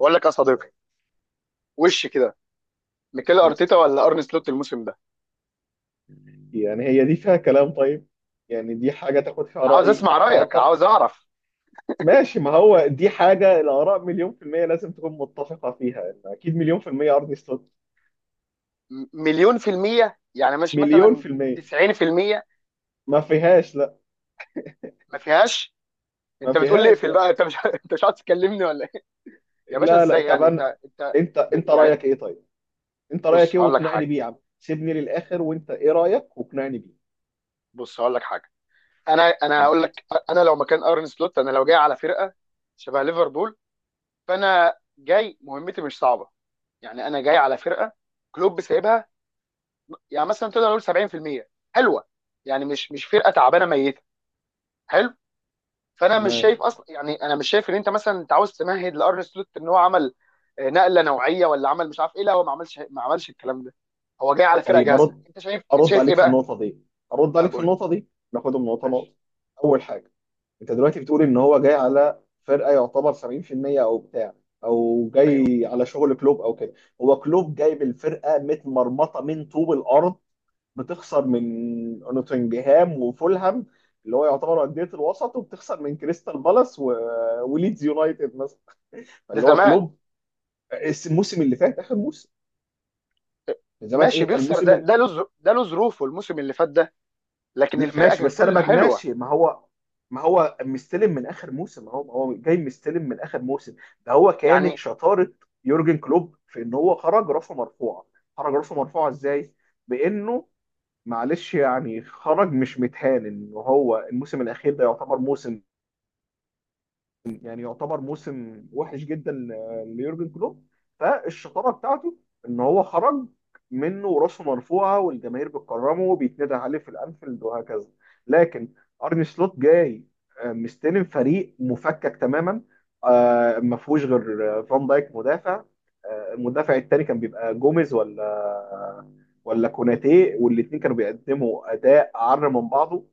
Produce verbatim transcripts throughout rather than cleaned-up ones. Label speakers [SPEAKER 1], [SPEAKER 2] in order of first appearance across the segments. [SPEAKER 1] بقول لك يا صديقي، وش كده؟ ميكيل
[SPEAKER 2] يعني
[SPEAKER 1] ارتيتا ولا ارن سلوت الموسم ده؟
[SPEAKER 2] يعني هي دي فيها كلام طيب. يعني دي حاجة تاخد فيها
[SPEAKER 1] عاوز
[SPEAKER 2] رأي.
[SPEAKER 1] اسمع
[SPEAKER 2] آه
[SPEAKER 1] رايك،
[SPEAKER 2] طب
[SPEAKER 1] عاوز اعرف.
[SPEAKER 2] ماشي، ما هو دي حاجة الآراء مليون في المية لازم تكون متفقة فيها. يعني أكيد مليون في المية أرني سلوت.
[SPEAKER 1] م- مليون في المية، يعني مش
[SPEAKER 2] مليون
[SPEAKER 1] مثلا
[SPEAKER 2] في المية.
[SPEAKER 1] تسعين في المية؟
[SPEAKER 2] ما فيهاش لا.
[SPEAKER 1] ما فيهاش.
[SPEAKER 2] ما
[SPEAKER 1] انت بتقول لي
[SPEAKER 2] فيهاش.
[SPEAKER 1] اقفل
[SPEAKER 2] لا
[SPEAKER 1] بقى، انت مش انت مش عايز تكلمني ولا ايه؟ يا باشا
[SPEAKER 2] لا لا.
[SPEAKER 1] ازاي؟
[SPEAKER 2] طب
[SPEAKER 1] يعني
[SPEAKER 2] أنا،
[SPEAKER 1] انت انت
[SPEAKER 2] أنت
[SPEAKER 1] ب...
[SPEAKER 2] أنت
[SPEAKER 1] يعني،
[SPEAKER 2] رأيك إيه طيب؟ أنت رأيك
[SPEAKER 1] بص
[SPEAKER 2] إيه
[SPEAKER 1] هقول لك
[SPEAKER 2] واقنعني
[SPEAKER 1] حاجه
[SPEAKER 2] بيه يا عم؟ سيبني للآخر وأنت إيه رأيك واقنعني بيه.
[SPEAKER 1] بص هقول لك حاجه انا انا هقول
[SPEAKER 2] ماشي.
[SPEAKER 1] لك، انا لو مكان ارن سلوت انا لو جاي على فرقه شبه ليفربول، فانا جاي مهمتي مش صعبه. يعني انا جاي على فرقه كلوب سايبها، يعني مثلا تقدر نقول سبعين في المية، حلوه. يعني مش مش فرقه تعبانه ميته، حلو. فانا مش
[SPEAKER 2] تمام.
[SPEAKER 1] شايف اصلا، يعني انا مش شايف ان انت مثلا انت عاوز تمهد لارن سلوت ان هو عمل آه، نقله نوعيه، ولا عمل مش عارف ايه. لا هو ما عملش ما عملش الكلام ده، هو جاي على فرقه
[SPEAKER 2] طيب
[SPEAKER 1] جاهزه.
[SPEAKER 2] أرد،
[SPEAKER 1] انت شايف انت
[SPEAKER 2] أرد
[SPEAKER 1] شايف ايه
[SPEAKER 2] عليك في
[SPEAKER 1] بقى؟
[SPEAKER 2] النقطة دي، أرد
[SPEAKER 1] انا
[SPEAKER 2] عليك في
[SPEAKER 1] بقول
[SPEAKER 2] النقطة دي ناخدهم نقطة
[SPEAKER 1] ماشي.
[SPEAKER 2] نقطة. أول حاجة، انت دلوقتي بتقول ان هو جاي على فرقه يعتبر سبعين في المية او بتاع، او
[SPEAKER 1] ايوه،
[SPEAKER 2] جاي على شغل كلوب او كده. هو كلوب جايب الفرقه متمرمطه من طوب الارض، بتخسر من نوتنجهام وفولهام، اللي هو يعتبر انديه الوسط، وبتخسر من كريستال بالاس و... وليدز يونايتد مثلا،
[SPEAKER 1] ده
[SPEAKER 2] اللي هو
[SPEAKER 1] زمان.
[SPEAKER 2] كلوب. الس- الموسم اللي فات، اخر موسم. من زمان،
[SPEAKER 1] ماشي
[SPEAKER 2] ايه
[SPEAKER 1] بيخسر،
[SPEAKER 2] الموسم.
[SPEAKER 1] ده ده له ظرو- ده له ظروفه، الموسم اللي فات ده. لكن
[SPEAKER 2] لا،
[SPEAKER 1] الفرقه
[SPEAKER 2] ماشي بس انا
[SPEAKER 1] ككل
[SPEAKER 2] ما-
[SPEAKER 1] حلوه.
[SPEAKER 2] ماشي، ما هو ما هو مستلم من اخر موسم، ما هو ما هو جاي مستلم من اخر موسم. ده هو كانت
[SPEAKER 1] يعني
[SPEAKER 2] شطاره يورجن كلوب في ان هو خرج راسه مرفوعه. خرج راسه مرفوعه ازاي؟ بانه معلش يعني خرج مش متهان ان هو الموسم الاخير ده يعتبر موسم، يعني يعتبر موسم وحش جدا ل- ليورجن كلوب. فالشطاره بتاعته ان هو خرج منه وراسه مرفوعه، والجماهير بتكرمه وبيتندى عليه في الانفيلد وهكذا. لكن ارني سلوت جاي، آه، مستلم فريق مفكك تماما. آه، ما فيهوش غير آه، فان دايك مدافع. آه، المدافع التاني كان بيبقى جوميز ولا آه، ولا كوناتي، والاثنين كانوا بيقدموا اداء عر من بعضه.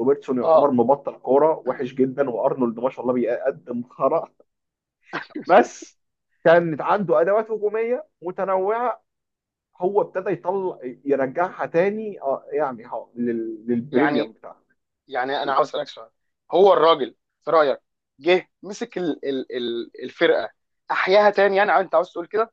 [SPEAKER 2] روبرتسون يعتبر
[SPEAKER 1] اه
[SPEAKER 2] مبطل كوره وحش جدا، وارنولد ما شاء الله بيقدم خرا. بس كانت عنده ادوات هجوميه متنوعه. هو ابتدى يطلع يرجعها تاني، آه، يعني ه- لل-
[SPEAKER 1] يعني
[SPEAKER 2] للبريميوم بتاعها.
[SPEAKER 1] يعني انا عاوز اسالك سؤال. هو الراجل، في رايك، جه مسك ال ال ال الفرقه، احياها تاني؟ يعني انت عاوز تقول كده.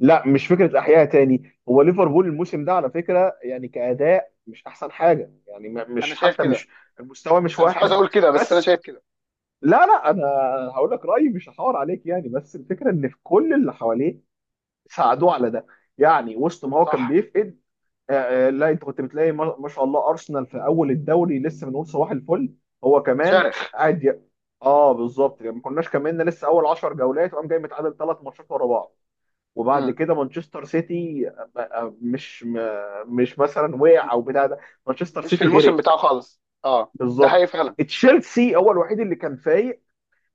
[SPEAKER 2] لا مش فكره احياء تاني. هو ليفربول الموسم ده على فكره يعني كاداء مش احسن حاجه، يعني م-
[SPEAKER 1] انا
[SPEAKER 2] مش
[SPEAKER 1] شايف
[SPEAKER 2] حتى
[SPEAKER 1] كده.
[SPEAKER 2] مش المستوى مش
[SPEAKER 1] انا مش عاوز
[SPEAKER 2] واحد.
[SPEAKER 1] اقول كده، بس انا
[SPEAKER 2] بس،
[SPEAKER 1] شايف كده.
[SPEAKER 2] لا لا، انا هقول لك رايي مش هحاور عليك يعني، بس الفكره ان في كل اللي حواليه ساعدوه على ده. يعني وسط ما هو كان
[SPEAKER 1] صح.
[SPEAKER 2] بيفقد، آه، آه، لا، انت كنت بتلاقي ما ما شاء الله ارسنال في اول الدوري لسه بنقول صباح الفل. هو كمان
[SPEAKER 1] شرخ.
[SPEAKER 2] قاعد ي... اه بالظبط، يعني ما كناش كملنا لسه اول 10 جولات وقام جاي متعادل ثلاث ماتشات ورا بعض. وبعد
[SPEAKER 1] مم.
[SPEAKER 2] كده مانشستر سيتي، آه، آه، مش م- مش مثلا
[SPEAKER 1] م-
[SPEAKER 2] وقع او
[SPEAKER 1] م-
[SPEAKER 2] بتاع ده، مانشستر
[SPEAKER 1] مش في
[SPEAKER 2] سيتي
[SPEAKER 1] الموسم
[SPEAKER 2] غرق.
[SPEAKER 1] بتاعه خالص، اه. ده
[SPEAKER 2] بالظبط.
[SPEAKER 1] حقيقي فعلا.
[SPEAKER 2] تشيلسي هو الوحيد اللي كان فايق،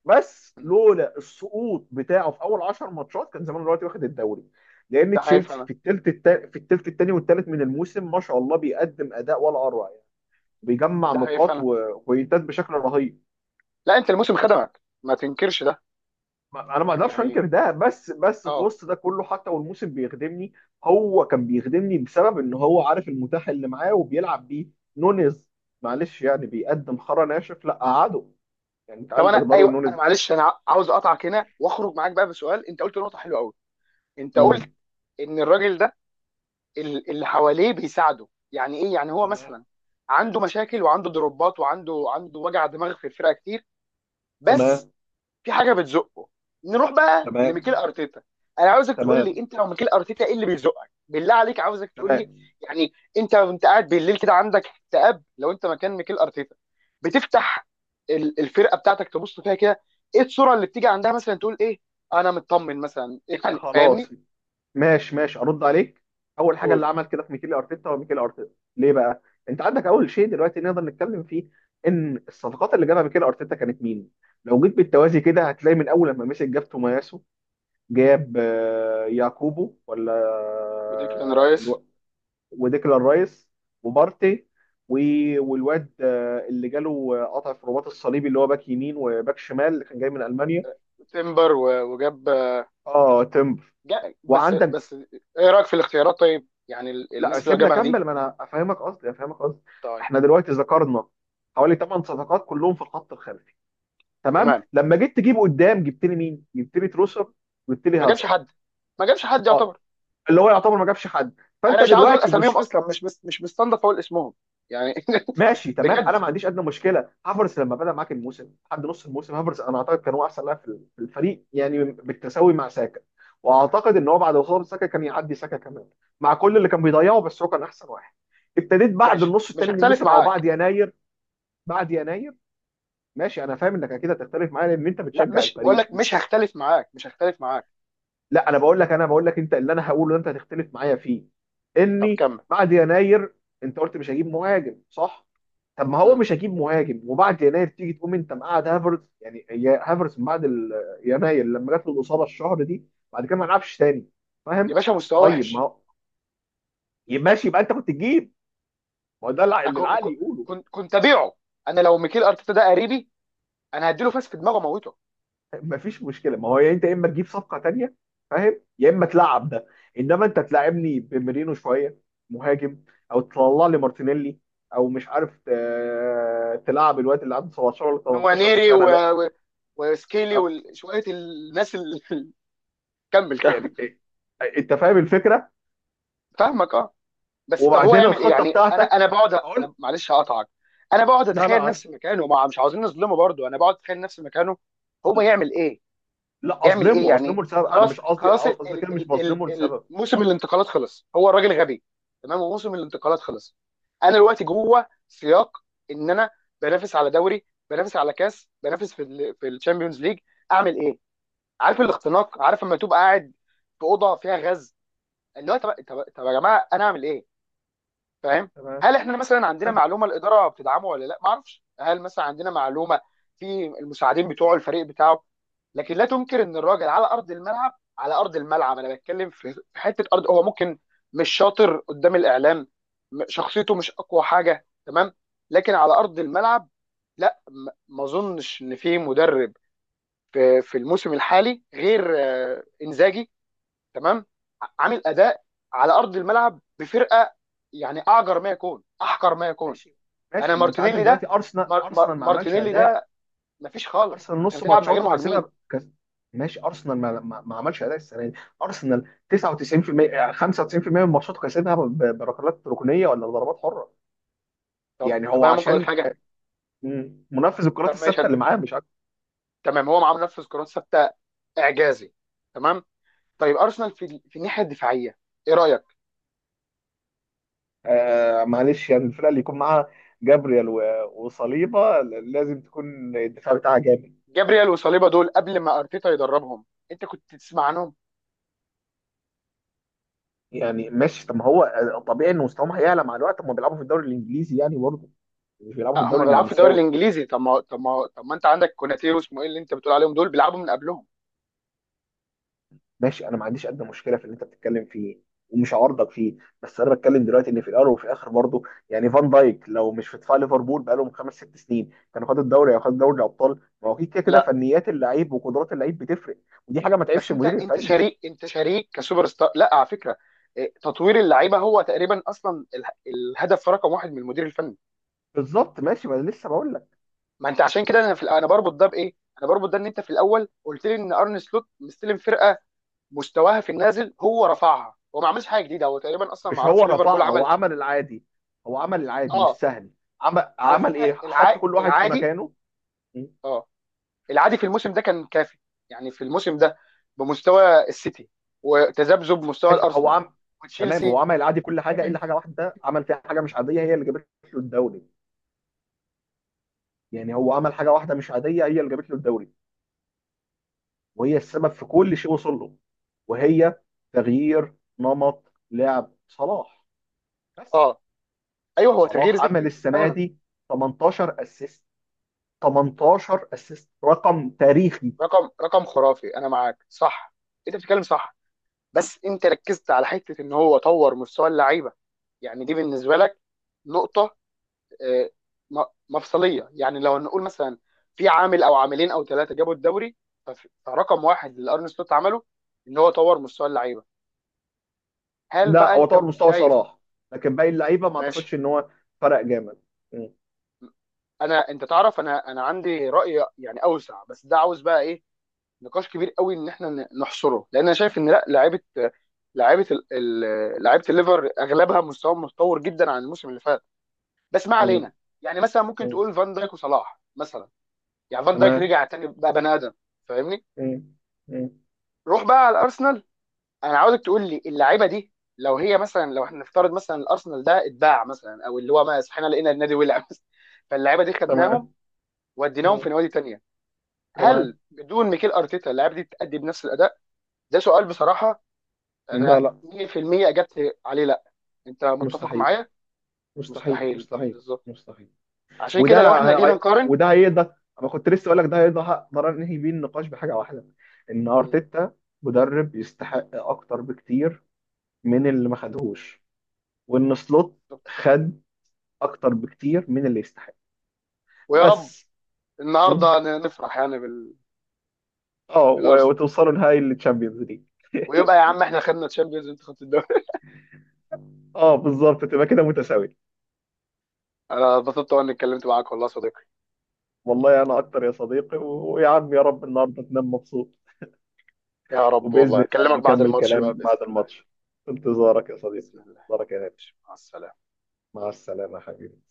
[SPEAKER 2] بس
[SPEAKER 1] مم.
[SPEAKER 2] لولا السقوط بتاعه في اول 10 ماتشات كان زمان دلوقتي واخد الدوري. لان
[SPEAKER 1] ده حقيقي
[SPEAKER 2] تشيلسي
[SPEAKER 1] فعلا.
[SPEAKER 2] في الثلث التا... في الثلث الثاني والثالث من الموسم ما شاء الله بيقدم اداء ولا اروع يعني. بيجمع
[SPEAKER 1] ده حقيقي
[SPEAKER 2] نقاط
[SPEAKER 1] فعلا.
[SPEAKER 2] وبوينتات بشكل رهيب.
[SPEAKER 1] لا، انت الموسم خدمك، ما تنكرش ده.
[SPEAKER 2] ما- انا ما اقدرش
[SPEAKER 1] يعني
[SPEAKER 2] انكر ده، بس بس في
[SPEAKER 1] اه.
[SPEAKER 2] وسط ده كله حتى والموسم بيخدمني. هو كان بيخدمني بسبب ان هو عارف المتاح اللي معاه وبيلعب بيه. نونيز معلش يعني بيقدم خرا ناشف لا قعده. يعني انت
[SPEAKER 1] طب انا،
[SPEAKER 2] عندك داروين
[SPEAKER 1] ايوه، انا
[SPEAKER 2] نونيز.
[SPEAKER 1] معلش، انا عاوز اقطعك هنا واخرج معاك بقى بسؤال. انت قلت نقطه حلوه قوي، انت قلت
[SPEAKER 2] مم.
[SPEAKER 1] ان الراجل ده، ال- اللي حواليه بيساعده. يعني ايه؟ يعني هو
[SPEAKER 2] تمام.
[SPEAKER 1] مثلا عنده مشاكل، وعنده ضربات، وعنده عنده وجع دماغ في الفرقه كتير، بس
[SPEAKER 2] تمام.
[SPEAKER 1] في حاجه بتزقه. نروح بقى لميكيل
[SPEAKER 2] تمام.
[SPEAKER 1] ارتيتا. انا عاوزك تقول لي،
[SPEAKER 2] تمام.
[SPEAKER 1] انت لو ميكيل ارتيتا، ايه اللي بيزقك بالله عليك؟ عاوزك تقول لي.
[SPEAKER 2] تمام.
[SPEAKER 1] يعني انت وانت قاعد بالليل كده عندك اكتئاب، لو انت مكان ميكيل ارتيتا، بتفتح ال- الفرقه بتاعتك، تبص فيها كده، ايه الصوره اللي بتيجي عندها؟ مثلا تقول ايه، انا مطمن مثلا يعني،
[SPEAKER 2] خلاص.
[SPEAKER 1] فاهمني.
[SPEAKER 2] ماشي ماشي، ارد عليك. اول حاجه
[SPEAKER 1] قول.
[SPEAKER 2] اللي عمل كده في ميكيل ارتيتا هو ميكيل ارتيتا. ليه بقى؟ انت عندك اول شيء دلوقتي نقدر نتكلم فيه، ان الصفقات اللي جابها ميكيل ارتيتا كانت مين. لو جيت بالتوازي كده هتلاقي من اول لما مسك جاب توماسو، جاب آه، ياكوبو، ولا
[SPEAKER 1] وديكلان
[SPEAKER 2] آه،
[SPEAKER 1] رايس،
[SPEAKER 2] الو... وديكلان رايس، وبارتي، و... والواد آه، اللي جاله آه، قطع في الرباط الصليبي، اللي هو باك يمين وباك شمال، اللي كان جاي من المانيا.
[SPEAKER 1] وتمبر و- وجاب،
[SPEAKER 2] اه تمبر.
[SPEAKER 1] جا بس
[SPEAKER 2] وعندك،
[SPEAKER 1] بس. ايه رايك في الاختيارات طيب؟ يعني ال-
[SPEAKER 2] لا
[SPEAKER 1] الناس اللي
[SPEAKER 2] سيبنا
[SPEAKER 1] جابها دي.
[SPEAKER 2] اكمل ما انا افهمك قصدي، افهمك قصدي
[SPEAKER 1] طيب.
[SPEAKER 2] احنا دلوقتي ذكرنا حوالي 8 صفقات كلهم في الخط الخلفي. تمام.
[SPEAKER 1] تمام.
[SPEAKER 2] لما جيت تجيب قدام جبت لي مين؟ جبت لي تروسر، جبت لي
[SPEAKER 1] ما جابش
[SPEAKER 2] هافرتز.
[SPEAKER 1] حد، ما جابش حد
[SPEAKER 2] اه،
[SPEAKER 1] يعتبر.
[SPEAKER 2] اللي هو يعتبر ما جابش حد. فانت
[SPEAKER 1] انا مش عاوز اقول
[SPEAKER 2] دلوقتي
[SPEAKER 1] اساميهم
[SPEAKER 2] مشكله.
[SPEAKER 1] اصلا، مش مش مش مستنضف اقول اسمهم. يعني
[SPEAKER 2] ماشي تمام،
[SPEAKER 1] بجد.
[SPEAKER 2] انا ما عنديش ادنى مشكله. هافرز لما بدا معاك الموسم لحد نص الموسم، هافرز انا اعتقد كان هو احسن لاعب في في الفريق يعني، بالتساوي مع ساكا. واعتقد ان هو بعد وصول ساكا كان يعدي ساكا كمان، مع كل اللي كان بيضيعه. بس هو كان احسن واحد. ابتديت بعد
[SPEAKER 1] ماشي،
[SPEAKER 2] النص
[SPEAKER 1] مش
[SPEAKER 2] الثاني من
[SPEAKER 1] هختلف
[SPEAKER 2] الموسم او
[SPEAKER 1] معاك.
[SPEAKER 2] بعد يناير. بعد يناير. ماشي، انا فاهم انك اكيد هتختلف معايا لان انت
[SPEAKER 1] لا،
[SPEAKER 2] بتشجع
[SPEAKER 1] مش بقول
[SPEAKER 2] الفريق.
[SPEAKER 1] لك، مش هختلف معاك، مش هختلف معاك.
[SPEAKER 2] لا، انا بقول لك انا بقول لك انت اللي انا هقوله انت هتختلف معايا فيه،
[SPEAKER 1] طب
[SPEAKER 2] اني
[SPEAKER 1] كمل.
[SPEAKER 2] بعد يناير انت قلت مش هجيب مهاجم، صح؟ طب ما هو
[SPEAKER 1] مم.
[SPEAKER 2] مش هجيب مهاجم وبعد يناير تيجي تقوم انت مقعد هافرتز، يعني هي هافرتز من بعد ال- يناير لما جات له الاصابه الشهر دي بعد كده ما لعبش تاني.
[SPEAKER 1] يا
[SPEAKER 2] فاهم؟
[SPEAKER 1] باشا، مستواه
[SPEAKER 2] طيب ما
[SPEAKER 1] وحش.
[SPEAKER 2] هو ماشي، يبقى انت كنت تجيب. ما هو ده اللي
[SPEAKER 1] أكو-
[SPEAKER 2] العقل
[SPEAKER 1] كو-
[SPEAKER 2] يقوله.
[SPEAKER 1] كنت كنت ابيعه. انا لو ميكيل ارتيتا ده قريبي، انا هديله فاس في دماغه موته.
[SPEAKER 2] مفيش مشكله، ما هو يا انت يا اما تجيب صفقه تانية، فاهم؟ يا اما تلعب ده. انما انت تلعبني بميرينو شويه مهاجم، او تطلع لي مارتينيلي، او مش عارف ت- تلعب الواد اللي عنده سبعة عشر سنة ولا 18
[SPEAKER 1] نوانيري و...
[SPEAKER 2] سنه ده.
[SPEAKER 1] و... وسكيلي
[SPEAKER 2] أه،
[SPEAKER 1] وشويه الناس اللي كمل كمل.
[SPEAKER 2] يعني إيه؟ إيه، انت فاهم الفكره.
[SPEAKER 1] فاهمك، اه. بس طب هو
[SPEAKER 2] وبعدين
[SPEAKER 1] يعمل ايه؟
[SPEAKER 2] الخطه
[SPEAKER 1] يعني انا
[SPEAKER 2] بتاعتك،
[SPEAKER 1] انا بقعد، انا
[SPEAKER 2] اقول.
[SPEAKER 1] معلش هقطعك، انا بقعد
[SPEAKER 2] لا لا
[SPEAKER 1] اتخيل
[SPEAKER 2] عادي.
[SPEAKER 1] نفسي مكانه. ما مش عاوزين نظلمه برضه. انا بقعد اتخيل نفسي مكانه، هو يعمل ايه؟
[SPEAKER 2] لا
[SPEAKER 1] يعمل ايه
[SPEAKER 2] اظلمه،
[SPEAKER 1] يعني؟
[SPEAKER 2] اظلمه لسبب، انا
[SPEAKER 1] خلاص
[SPEAKER 2] مش قصدي
[SPEAKER 1] خلاص، ال
[SPEAKER 2] قصدي كده، مش
[SPEAKER 1] ال ال
[SPEAKER 2] بظلمه
[SPEAKER 1] ال
[SPEAKER 2] لسبب.
[SPEAKER 1] موسم الانتقالات خلص. هو الراجل غبي؟ تمام، وموسم الانتقالات خلص. انا دلوقتي جوه سياق ان انا بنافس على دوري، بنافس على كاس، بنافس في ال في الشامبيونز ليج. اعمل ايه؟ عارف الاختناق، عارف لما تبقى قاعد في اوضه فيها غاز، اللي هو طب طب طب يا جماعه انا اعمل ايه؟ فاهم.
[SPEAKER 2] تمام.
[SPEAKER 1] هل احنا مثلا عندنا
[SPEAKER 2] آه،
[SPEAKER 1] معلومه الاداره بتدعمه ولا لا؟ ما اعرفش. هل مثلا عندنا معلومه في المساعدين بتوعه، الفريق بتاعه؟ لكن لا تنكر ان الراجل على ارض الملعب، على ارض الملعب، انا بتكلم في في حته ارض. هو ممكن مش شاطر قدام الاعلام، م- شخصيته مش اقوى حاجه، تمام، لكن على ارض الملعب، لا، م- ما اظنش ان في مدرب في في الموسم الحالي غير آه، انزاجي، تمام، عامل اداء على ارض الملعب بفرقه يعني اعجر ما يكون، احقر ما يكون.
[SPEAKER 2] ماشي
[SPEAKER 1] انا
[SPEAKER 2] ماشي، ما انت عندك
[SPEAKER 1] مارتينيلي ده،
[SPEAKER 2] دلوقتي ارسنال.
[SPEAKER 1] مار مار
[SPEAKER 2] ارسنال ما عملش
[SPEAKER 1] مارتينيلي
[SPEAKER 2] اداء،
[SPEAKER 1] ده، مفيش خالص،
[SPEAKER 2] ارسنال
[SPEAKER 1] انت
[SPEAKER 2] نص
[SPEAKER 1] بتلعب من غير
[SPEAKER 2] ماتشاته
[SPEAKER 1] مهاجمين.
[SPEAKER 2] كسبها كس... ماشي، ارسنال ما, ما, ما عملش اداء السنه دي. ارسنال تسعة وتسعين في المية خمسة وتسعين في المية من ماتشاته كسبها ب- بركلات ركنيه ولا ضربات حره.
[SPEAKER 1] طب
[SPEAKER 2] يعني
[SPEAKER 1] طب،
[SPEAKER 2] هو
[SPEAKER 1] انا ممكن اقول
[SPEAKER 2] عشان
[SPEAKER 1] حاجه؟
[SPEAKER 2] مم. منفذ الكرات
[SPEAKER 1] طب ماشي،
[SPEAKER 2] الثابته
[SPEAKER 1] أنا-
[SPEAKER 2] اللي معاه، مش اكتر.
[SPEAKER 1] تمام. هو معاه منفذ كرات ثابته، اعجازي، تمام. طيب ارسنال في ال- في الناحيه الدفاعيه، ايه رايك؟
[SPEAKER 2] آه معلش يعني الفرقه اللي يكون معاها جابريال و... وصليبه ل- لازم تكون الدفاع بتاعها جامد.
[SPEAKER 1] جابرييل وصليبا دول قبل ما ارتيتا يدربهم، انت كنت تسمع عنهم؟
[SPEAKER 2] يعني ماشي، طب ما هو آه، طبيعي ان مستواهم هيعلى مع الوقت، هم بيلعبوا في الدوري الانجليزي يعني برضه، مش بيلعبوا في
[SPEAKER 1] أه هم
[SPEAKER 2] الدوري
[SPEAKER 1] بيلعبوا في الدوري
[SPEAKER 2] النمساوي.
[SPEAKER 1] الانجليزي. طب ما طب ما طب ما انت عندك كوناتير واسمه ايه اللي انت بتقول عليهم، دول بيلعبوا من قبلهم.
[SPEAKER 2] ماشي، انا ما عنديش ادنى مشكله في اللي انت بتتكلم فيه، ومش عارضك فيه، بس انا بتكلم دلوقتي ان في الاول وفي الاخر برضه يعني فان دايك لو مش في دفاع ليفربول بقالهم خمس ست سنين كان خد الدوري او خد دوري الابطال. ما هو أكيد كده كده
[SPEAKER 1] لا،
[SPEAKER 2] فنيات اللعيب وقدرات اللعيب بتفرق، ودي حاجه ما
[SPEAKER 1] بس
[SPEAKER 2] تعيبش
[SPEAKER 1] انت
[SPEAKER 2] المدير
[SPEAKER 1] انت
[SPEAKER 2] الفني.
[SPEAKER 1] شريك، انت شريك كسوبر ستار. لا، على فكره، إيه، تطوير اللعيبه هو تقريبا اصلا اله- الهدف رقم واحد من المدير الفني.
[SPEAKER 2] بالظبط، ماشي، ما انا لسه بقول لك.
[SPEAKER 1] ما انت عشان كده، انا في انا بربط ده بايه؟ انا بربط ده ان انت في الاول قلت لي ان ارن سلوت مستلم فرقه مستواها في النازل، هو رفعها، هو ما عملش حاجه جديده، هو تقريبا اصلا ما
[SPEAKER 2] مش هو
[SPEAKER 1] اعرفش
[SPEAKER 2] رفعها،
[SPEAKER 1] ليفربول
[SPEAKER 2] هو
[SPEAKER 1] عمل.
[SPEAKER 2] عمل العادي. هو عمل العادي
[SPEAKER 1] اه،
[SPEAKER 2] والسهل. عمل
[SPEAKER 1] على
[SPEAKER 2] عمل ايه؟
[SPEAKER 1] فكره،
[SPEAKER 2] حط
[SPEAKER 1] الع...
[SPEAKER 2] كل واحد في
[SPEAKER 1] العادي.
[SPEAKER 2] مكانه. م.
[SPEAKER 1] اه، العادي في الموسم ده كان كافي، يعني في الموسم ده بمستوى السيتي وتذبذب مستوى
[SPEAKER 2] ماشي هو
[SPEAKER 1] الارسنال
[SPEAKER 2] عمل. تمام، هو
[SPEAKER 1] وتشيلسي.
[SPEAKER 2] عمل العادي كل حاجه، الا حاجه واحده عمل فيها حاجه مش عاديه هي اللي جابت له الدوري. يعني هو عمل حاجه واحده مش عاديه هي اللي جابت له الدوري، وهي السبب في كل شيء وصل له، وهي تغيير نمط لعب صلاح. بس.
[SPEAKER 1] اه. ايوه، هو تغيير
[SPEAKER 2] صلاح
[SPEAKER 1] زيك
[SPEAKER 2] عمل
[SPEAKER 1] جدا
[SPEAKER 2] السنه
[SPEAKER 1] فعلا.
[SPEAKER 2] دي 18 اسيست. 18 اسيست رقم تاريخي.
[SPEAKER 1] رقم رقم خرافي، انا معاك، صح، انت بتتكلم صح. بس انت ركزت على حته ان هو طور مستوى اللعيبه. يعني دي بالنسبه لك نقطه آه، م- مفصليه، يعني. لو نقول مثلا في عامل او عاملين او ثلاثه جابوا الدوري، فف- فرقم واحد اللي ارن سلوت عمله ان هو طور مستوى اللعيبه. هل
[SPEAKER 2] لا،
[SPEAKER 1] بقى
[SPEAKER 2] هو
[SPEAKER 1] انت
[SPEAKER 2] طور مستوى
[SPEAKER 1] شايف؟
[SPEAKER 2] صلاح، لكن باقي اللعيبه ما
[SPEAKER 1] ماشي.
[SPEAKER 2] اعتقدش ان هو فرق جامد. م-
[SPEAKER 1] انا انت تعرف، انا انا عندي راي يعني اوسع، بس ده عاوز بقى ايه، نقاش كبير قوي ان احنا ن- نحصره، لان انا شايف ان، لا، لعيبه لعيبه ال- ال- لعيبه الليفر اغلبها مستواهم متطور جدا عن الموسم اللي فات، بس ما
[SPEAKER 2] م-
[SPEAKER 1] علينا. يعني مثلا ممكن
[SPEAKER 2] م.
[SPEAKER 1] تقول فان دايك وصلاح مثلا، يعني فان دايك
[SPEAKER 2] تمام.
[SPEAKER 1] رجع تاني بقى بني ادم. فاهمني.
[SPEAKER 2] م- م.
[SPEAKER 1] روح بقى على الارسنال. انا عاوزك تقول لي اللعيبه دي، لو هي مثلا، لو احنا نفترض مثلا الارسنال ده اتباع مثلا، او اللي هو ما صحينا لقينا النادي ولع فاللعيبه دي
[SPEAKER 2] تمام.
[SPEAKER 1] خدناهم وديناهم في
[SPEAKER 2] م-
[SPEAKER 1] نوادي تانيه، هل
[SPEAKER 2] تمام.
[SPEAKER 1] بدون ميكيل ارتيتا اللعيبه دي تأدي بنفس الاداء؟ ده سؤال بصراحه،
[SPEAKER 2] لا
[SPEAKER 1] انا
[SPEAKER 2] لا.
[SPEAKER 1] مية في المية اجبت عليه، لا. انت متفق
[SPEAKER 2] مستحيل.
[SPEAKER 1] معايا؟
[SPEAKER 2] مستحيل
[SPEAKER 1] مستحيل.
[SPEAKER 2] مستحيل
[SPEAKER 1] بالظبط.
[SPEAKER 2] مستحيل.
[SPEAKER 1] عشان
[SPEAKER 2] وده،
[SPEAKER 1] كده لو احنا جينا
[SPEAKER 2] هي...
[SPEAKER 1] نقارن.
[SPEAKER 2] وده هيقدر. انا كنت لسه اقول لك ده هيقدر انهي بيه النقاش بحاجه واحده، ان
[SPEAKER 1] مم.
[SPEAKER 2] ارتيتا مدرب يستحق اكتر بكتير من اللي ما خدهوش، وان سلوت
[SPEAKER 1] بالظبط.
[SPEAKER 2] خد اكتر بكتير من اللي يستحق.
[SPEAKER 1] ويا رب
[SPEAKER 2] بس. م?
[SPEAKER 1] النهارده ن- نفرح يعني بال...
[SPEAKER 2] اه، و-
[SPEAKER 1] بالارسنال،
[SPEAKER 2] وتوصلوا نهائي التشامبيونز ليج.
[SPEAKER 1] ويبقى يا عم احنا خدنا تشامبيونز، انت خدت الدوري.
[SPEAKER 2] اه بالظبط، تبقى كده متساوي.
[SPEAKER 1] انا اتبسطت وانا اتكلمت معاك والله يا صديقي.
[SPEAKER 2] والله انا اكتر يا صديقي، و- ويا عم يا رب النهارده تنام مبسوط.
[SPEAKER 1] يا رب،
[SPEAKER 2] وباذن
[SPEAKER 1] والله
[SPEAKER 2] الله
[SPEAKER 1] اكلمك بعد
[SPEAKER 2] نكمل
[SPEAKER 1] الماتش بقى
[SPEAKER 2] كلام بعد
[SPEAKER 1] باذن الله.
[SPEAKER 2] الماتش. في انتظارك يا
[SPEAKER 1] باذن
[SPEAKER 2] صديقي،
[SPEAKER 1] الله.
[SPEAKER 2] انتظارك يا غالي.
[SPEAKER 1] مع السلامه.
[SPEAKER 2] مع السلامه يا حبيبي.